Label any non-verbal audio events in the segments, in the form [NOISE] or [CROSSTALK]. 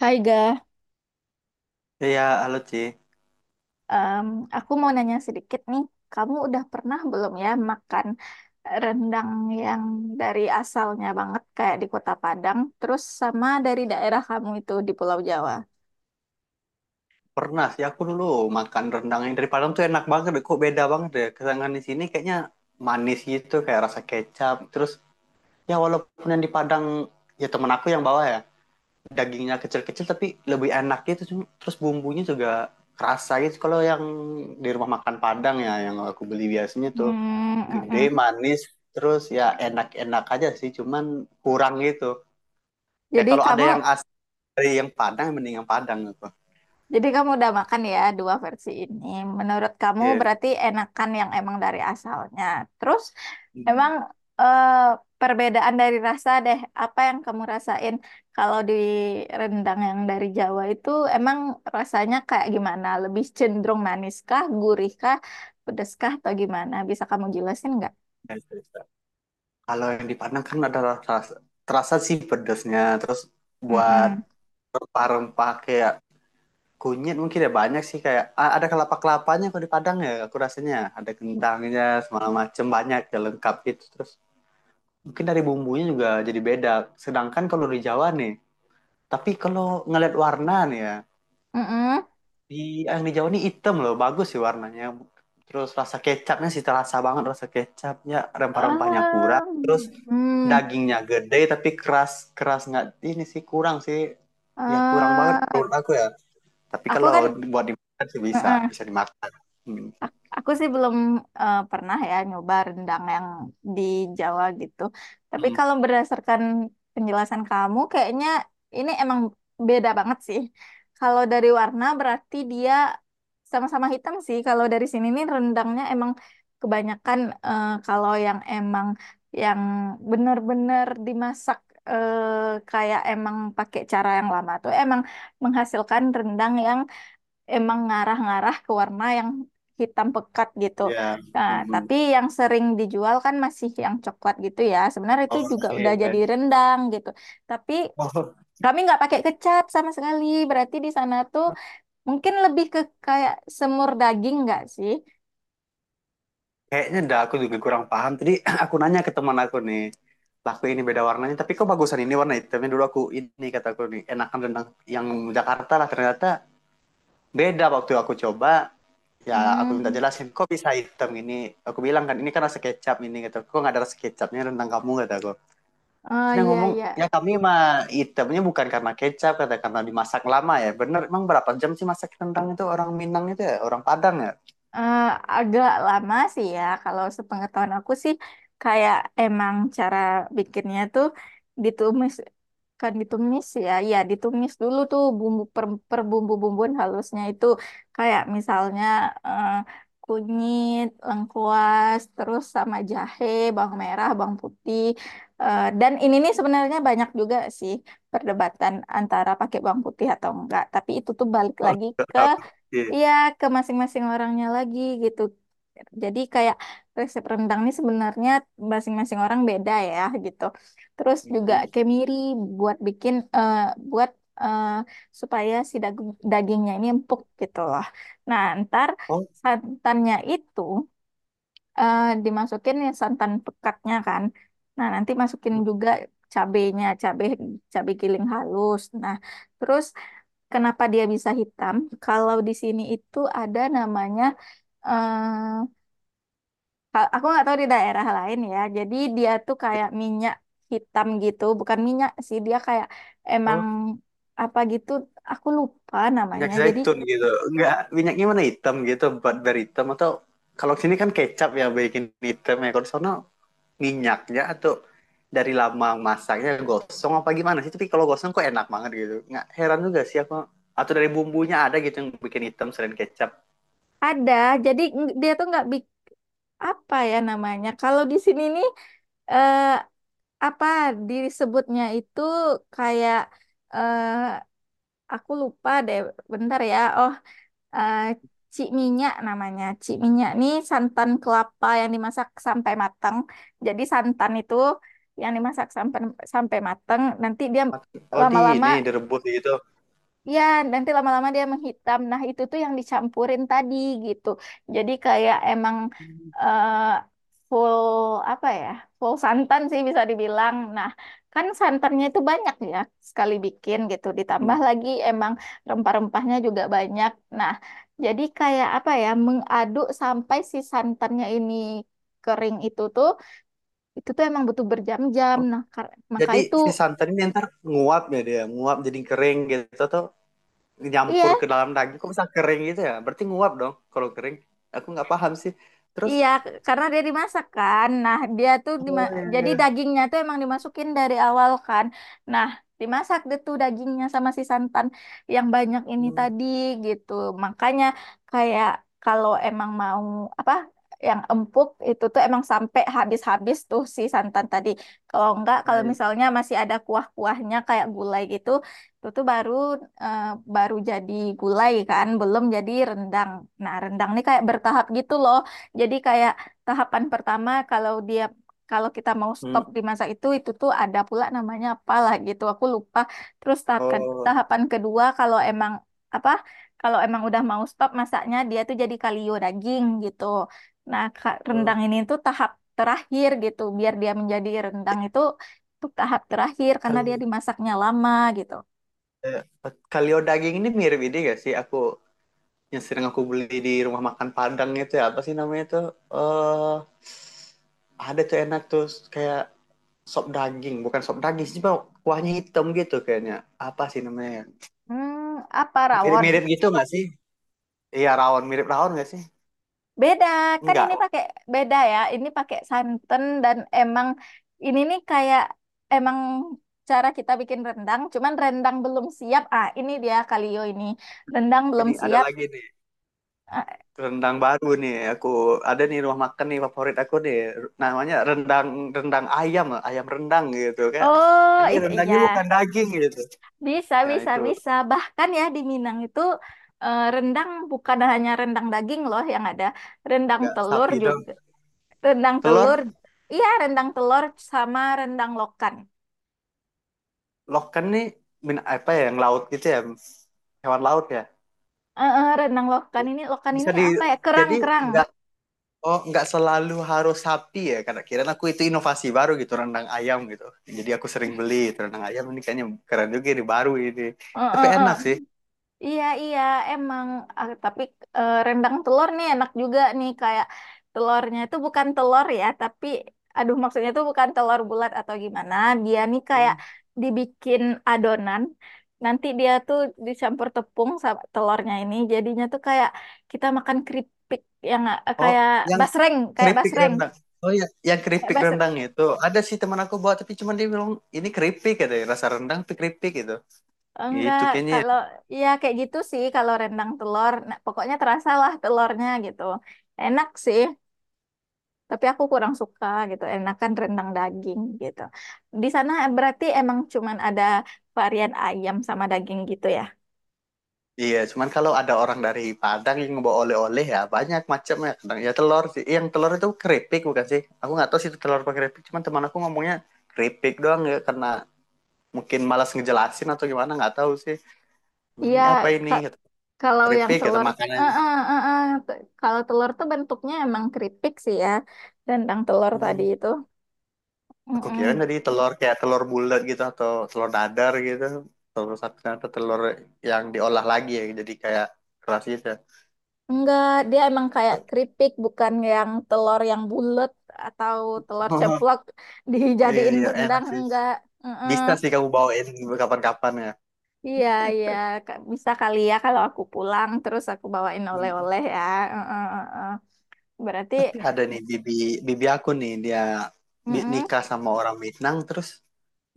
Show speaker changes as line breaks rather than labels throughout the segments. Hai Ga,
Iya, halo Ci.
Em, aku mau nanya sedikit nih. Kamu udah pernah belum ya makan rendang yang dari asalnya banget kayak di Kota Padang, terus sama dari daerah kamu itu di Pulau Jawa?
Pernah sih aku dulu makan rendang yang dari Padang tuh enak banget deh. Kok beda banget deh. Kesangan di sini kayaknya manis gitu, kayak rasa kecap. Terus ya walaupun yang di Padang, ya temen aku yang bawa ya, dagingnya kecil-kecil tapi lebih enak gitu. Terus bumbunya juga kerasa gitu. Kalau yang di rumah makan Padang ya, yang aku beli biasanya
Hmm,
tuh
mm, mm.
gede, manis, terus ya enak-enak aja sih. Cuman kurang gitu. Ya
Jadi
kalau ada
kamu
yang asli dari yang Padang, mending yang Padang gitu.
Jadi kamu udah makan ya dua versi ini. Menurut kamu
Iya.
berarti enakan yang emang dari asalnya. Terus emang
Hmm.
eh, perbedaan dari rasa deh, apa yang kamu rasain kalau di rendang yang dari Jawa itu emang rasanya kayak gimana? Lebih cenderung maniskah, gurihkah, pedeskah atau gimana? Bisa kamu jelasin nggak?
Kalau yang di Padang kan ada rasa, terasa sih pedesnya. Terus buat
Mm-mm.
rempah-rempah kayak kunyit mungkin ya banyak sih kayak ada kelapa-kelapanya kalau di Padang ya aku rasanya ada kentangnya segala macem banyak ya lengkap gitu terus mungkin dari bumbunya juga jadi beda sedangkan kalau di Jawa nih tapi kalau ngeliat warna nih ya.
Mm-mm.
Di yang di Jawa ini hitam loh, bagus sih warnanya. Terus rasa kecapnya sih terasa banget rasa kecapnya, rempah-rempahnya kurang. Terus
Em, hmm.
dagingnya gede tapi keras keras nggak ini sih kurang sih. Ya kurang banget
Eh,
menurut aku ya. Tapi
aku
kalau
kan,
buat dimakan sih bisa,
Mm-mm.
bisa dimakan. Hmm.
Aku sih belum pernah ya nyoba rendang yang di Jawa gitu. Tapi
Hmm.
kalau berdasarkan penjelasan kamu, kayaknya ini emang beda banget sih. Kalau dari warna berarti dia sama-sama hitam sih. Kalau dari sini nih rendangnya emang kebanyakan kalau yang emang yang benar-benar dimasak eh, kayak emang pakai cara yang lama tuh emang menghasilkan rendang yang emang ngarah-ngarah ke warna yang hitam pekat gitu.
Ya.
Nah,
Hmm.
tapi yang sering dijual kan masih yang coklat gitu ya. Sebenarnya itu juga
Oke.
udah jadi rendang gitu. Tapi
Oh.
kami nggak pakai kecap sama sekali. Berarti di sana tuh mungkin lebih ke kayak semur daging nggak sih?
Kayaknya dah aku juga kurang paham. Tadi [CLEARS THROAT] aku nanya ke teman aku nih, laku ini beda warnanya, tapi kok bagusan ini warna hitamnya dulu aku ini kata aku nih, enakan rendang yang Jakarta lah ternyata beda waktu aku coba. Ya aku minta
Hmm.
jelasin kok bisa hitam ini. Aku bilang kan ini kan rasa kecap ini gitu. Kok nggak ada rasa kecapnya rendang kamu kata aku. Terus
Oh
dia
iya
ngomong
iya.
ya kami mah hitamnya bukan karena kecap kata karena dimasak lama ya. Bener emang berapa jam sih masak rendang itu orang Minang itu ya orang Padang ya.
Eh, agak lama sih ya. Kalau sepengetahuan aku sih kayak emang cara bikinnya tuh ditumis kan ditumis ya. Ya, ditumis dulu tuh bumbu per, per bumbu-bumbuan halusnya itu kayak misalnya eh, kunyit, lengkuas, terus sama jahe, bawang merah, bawang putih. Eh, dan ini nih sebenarnya banyak juga sih perdebatan antara pakai bawang putih atau enggak. Tapi itu tuh balik lagi ke
[LAUGHS] Iya.
Iya, ke masing-masing orangnya lagi gitu. Jadi kayak resep rendang ini sebenarnya masing-masing orang beda ya gitu. Terus juga kemiri buat bikin buat eh, supaya si dagingnya ini empuk gitu loh. Nah, ntar
Oh,
santannya itu eh, dimasukin ya santan pekatnya kan. Nah, nanti masukin
betul.
juga cabenya, cabe cabe giling halus. Nah, terus kenapa dia bisa hitam? Kalau di sini itu ada namanya, eh, aku nggak tahu di daerah lain ya. Jadi dia tuh kayak minyak hitam gitu, bukan minyak sih, dia kayak emang apa gitu. Aku lupa
Minyak
namanya. Jadi
zaitun gitu enggak, minyaknya mana hitam gitu buat dari hitam atau kalau sini kan kecap ya bikin hitam ya kalau di sana minyaknya atau dari lama masaknya gosong apa gimana sih tapi kalau gosong kok enak banget gitu nggak heran juga sih aku atau dari bumbunya ada gitu yang bikin hitam selain kecap.
ada, jadi dia tuh nggak bik apa ya namanya. Kalau di sini nih eh, apa disebutnya itu kayak eh, aku lupa deh. Bentar ya. Oh. eh cik minyak namanya. Cik minyak nih santan kelapa yang dimasak sampai matang. Jadi santan itu yang dimasak sampai sampai matang, nanti dia
Oh di
lama-lama.
ini direbus gitu.
Ya, nanti lama-lama dia menghitam. Nah, itu tuh yang dicampurin tadi gitu. Jadi kayak emang eh, full apa ya? Full santan sih bisa dibilang. Nah, kan santannya itu banyak ya sekali bikin gitu. Ditambah
Hmm.
lagi emang rempah-rempahnya juga banyak. Nah, jadi kayak apa ya? Mengaduk sampai si santannya ini kering itu tuh emang butuh berjam-jam. Nah, maka
Jadi si santan ini ntar nguap ya dia nguap jadi kering gitu atau nyampur
Iya,
ke dalam daging kok bisa kering gitu ya berarti nguap dong kalau kering aku nggak paham sih terus.
iya, karena dia dimasak kan. Nah, dia tuh
Oh
jadi
iya.
dagingnya tuh emang dimasukin dari awal kan. Nah, dimasak deh tuh dagingnya sama si santan yang banyak ini
Hmm.
tadi gitu. Makanya kayak kalau emang mau apa yang empuk itu tuh emang sampai habis-habis tuh si santan tadi. Kalau enggak,
Iya,
kalau
iya.
misalnya masih ada kuah-kuahnya kayak gulai gitu, itu tuh baru eh, baru jadi gulai kan, belum jadi rendang. Nah, rendang nih kayak bertahap gitu loh. Jadi kayak tahapan pertama kalau dia kalau kita mau
Hmm.
stop di masa itu tuh ada pula namanya apalah gitu. Aku lupa. Terus
Oh,
tahapan kedua kalau emang apa? Kalau emang udah mau stop masaknya dia tuh jadi kalio daging gitu. Nah, rendang
oh.
ini tuh tahap terakhir gitu. Biar dia menjadi rendang itu tuh tahap terakhir karena dia
Kal-
dimasaknya lama gitu.
eh, Kalio daging ini mirip ini gak sih? Aku yang sering aku beli di rumah makan Padang itu ya apa sih namanya tuh. Eh, ada tuh enak tuh kayak sop daging, bukan sop daging sih, Bang. Kuahnya hitam gitu kayaknya. Apa sih namanya, ya?
Hmm, apa rawon?
Mirip-mirip gitu nggak sih? Iya rawon, mirip rawon nggak sih?
Beda, kan
Enggak.
ini pakai beda ya. Ini pakai santan dan emang ini nih kayak emang cara kita bikin rendang, cuman rendang belum siap. Ah, ini dia kalio ini. Rendang belum
Ini ada
siap.
lagi nih.
Ah,
Rendang baru nih aku ada nih rumah makan nih favorit aku nih namanya rendang rendang ayam ayam rendang gitu kayak jadi rendangnya bukan
Iya.
daging gitu
Bisa,
ya
bisa,
itu
bisa. Bahkan ya di Minang itu rendang bukan hanya rendang daging loh yang ada, rendang
nggak
telur
sapi dong
juga. Rendang
telur
telur, iya rendang telur sama rendang lokan.
loken nih min apa ya yang laut gitu ya hewan laut ya
Rendang lokan ini
bisa di
apa ya?
jadi
Kerang-kerang.
nggak oh nggak selalu harus sapi ya karena kira aku itu inovasi baru gitu rendang ayam gitu jadi aku sering beli itu rendang ayam ini kayaknya keren juga ini baru ini
Eh,
tapi
eh, eh.
enak sih
Iya, iya, emang. Ah, tapi rendang telur nih enak juga nih. Kayak telurnya itu bukan telur ya, tapi aduh maksudnya itu bukan telur bulat atau gimana. Dia nih kayak dibikin adonan. Nanti dia tuh dicampur tepung sama telurnya ini. Jadinya tuh kayak kita makan keripik yang
oh
kayak
yang
basreng, kayak
keripik
basreng.
rendang. Oh iya, yang
Kayak
keripik
basreng.
rendang itu ada sih teman aku buat tapi cuman dia bilang ini keripik katanya rasa rendang tapi keripik gitu.
Oh,
Itu
enggak,
kayaknya,
kalau
ya.
ya kayak gitu sih kalau rendang telur. Nah, pokoknya terasa lah telurnya gitu. Enak sih, tapi aku kurang suka gitu. Enakan rendang daging gitu. Di sana berarti emang cuman ada varian ayam sama daging gitu ya?
Iya, cuman kalau ada orang dari Padang yang ngebawa oleh-oleh ya banyak macamnya. Kadang ya telur sih. Yang telur itu keripik bukan sih? Aku nggak tahu sih itu telur apa keripik, cuman teman aku ngomongnya keripik doang ya karena mungkin malas ngejelasin atau gimana nggak tahu sih.
Iya,
Ini apa ini?
ka-
Kata,
kalau yang
keripik kata
telur,
makanan.
eh, eh, eh, eh. Kalau telur tuh bentuknya emang keripik sih ya, rendang telur tadi
Hmm.
itu.
Aku kira
Mm-mm,
tadi telur kayak telur bulat gitu atau telur dadar gitu. Telur sapi atau telur yang diolah lagi ya jadi kayak keras gitu, ya.
enggak, dia emang kayak keripik, bukan yang telur yang bulat atau telur
[LAUGHS]
ceplok [LAUGHS]
Iya,
dijadiin
iya, enak
rendang,
sih.
enggak. Heeh.
Bisa sih kamu bawain kapan-kapan ya.
Iya, iya, bisa kali ya kalau aku pulang terus aku bawain
Hmm.
oleh-oleh ya. Heeh, heeh. Berarti,
Tapi ada nih bibi bibi aku nih dia
heeh,
nikah sama orang Minang terus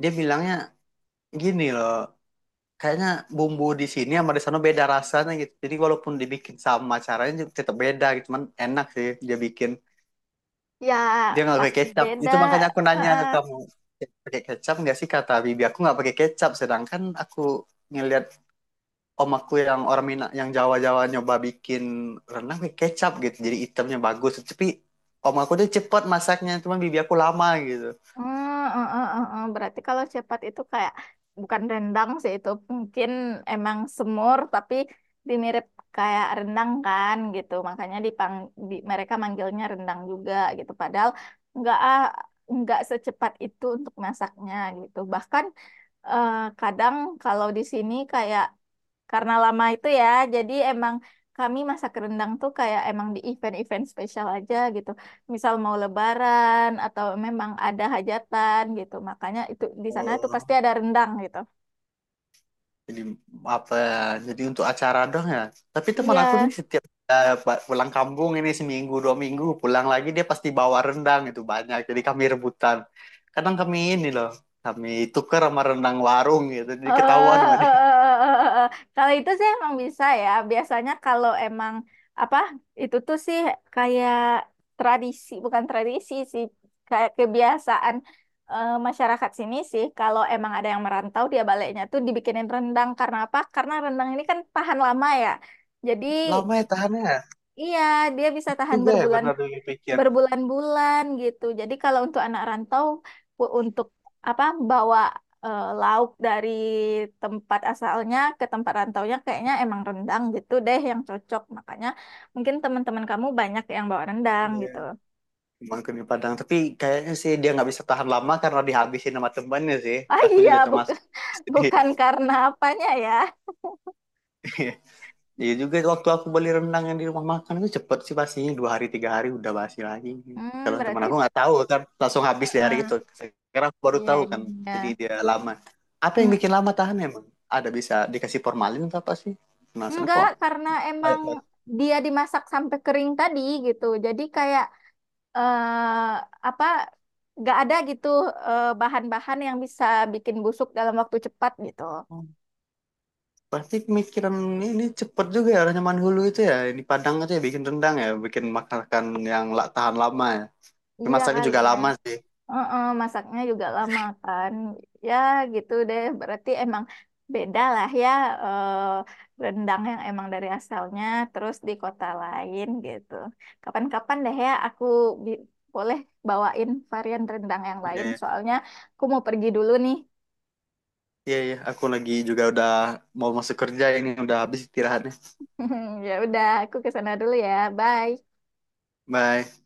dia bilangnya gini loh, kayaknya bumbu di sini sama di sana beda rasanya gitu. Jadi walaupun dibikin sama caranya juga tetap beda gitu, cuman enak sih dia bikin.
ya
Dia nggak pakai
pasti
kecap.
beda.
Itu makanya aku nanya ke
Heeh.
kamu. Pakai kecap nggak sih kata Bibi? Aku nggak pakai kecap. Sedangkan aku ngelihat om aku yang orang Minang, yang Jawa-Jawa nyoba bikin renang pakai kecap gitu. Jadi itemnya bagus. Tapi om aku tuh cepet masaknya. Cuman Bibi aku lama gitu.
Hmm, eh, eh, eh, eh. Berarti kalau cepat itu kayak bukan rendang sih itu mungkin emang semur tapi dimirip kayak rendang kan gitu makanya mereka manggilnya rendang juga gitu padahal nggak ah, nggak secepat itu untuk masaknya gitu bahkan eh, kadang kalau di sini kayak karena lama itu ya, jadi emang kami masak rendang tuh kayak emang di event-event spesial aja gitu. Misal mau lebaran atau memang ada hajatan gitu. Makanya itu di sana tuh pasti
Oh.
ada rendang gitu.
Jadi apa ya? Jadi untuk acara doang ya. Tapi teman
Iya,
aku nih setiap pulang kampung ini seminggu 2 minggu pulang lagi dia pasti bawa rendang itu banyak. Jadi kami rebutan. Kadang kami ini loh, kami tuker sama rendang warung gitu.
eh,
Jadi ketahuan sama
eh, eh,
dia.
eh, eh, eh. eh, eh. Kalau itu sih emang bisa ya. Biasanya kalau emang apa itu tuh sih kayak tradisi, bukan tradisi sih, kayak kebiasaan masyarakat sini sih. Kalau emang ada yang merantau, dia baliknya tuh dibikinin rendang. Karena apa? Karena rendang ini kan tahan lama ya. Jadi
Lama ya tahannya ya,
Iya, dia bisa tahan
juga ya benar dipikir.
berbulan-bulan gitu. Jadi kalau untuk anak rantau untuk apa bawa lauk dari tempat asalnya ke tempat rantaunya kayaknya emang rendang gitu deh yang cocok. Makanya mungkin teman-teman kamu banyak yang bawa rendang
Iya,
gitu.
emang kami Padang. Tapi kayaknya sih dia nggak bisa tahan lama karena dihabisin sama temannya sih.
Ah
Aku
iya,
juga termasuk.
bukan [LAUGHS] bukan karena apanya ya.
[LAUGHS] Iya juga waktu aku beli rendang yang di rumah makan itu cepet sih pastinya 2 hari 3 hari udah basi lagi.
Hmm,
Kalau teman
berarti
aku nggak tahu kan langsung habis di hari
eh,
itu. Sekarang aku baru
iya
tahu
iya.
kan. Jadi
iya.
dia lama. Apa yang
Mm,
bikin lama tahan emang? Ada bisa dikasih formalin atau apa sih? Penasaran
enggak,
kok.
karena emang dia dimasak sampai kering tadi gitu. Jadi kayak eh apa nggak ada gitu bahan-bahan yang bisa bikin busuk dalam waktu cepat gitu.
Pasti pemikiran ini cepet juga ya orang hulu itu ya. Di Padang itu ya bikin rendang ya, bikin masakan yang tahan lama ya.
Iya
Masaknya
kali
juga
ya.
lama sih.
Heeh, masaknya juga lama kan. Ya gitu deh. Berarti emang beda lah ya eh, rendang yang emang dari asalnya terus di kota lain gitu. Kapan-kapan deh ya aku bi- boleh bawain varian rendang yang
Iya,
lain.
iya,
Soalnya aku mau pergi dulu nih.
iya, iya. Aku lagi juga udah mau masuk kerja ini udah habis istirahatnya.
[LAUGHS] Ya udah, aku ke sana dulu ya. Bye.
Bye.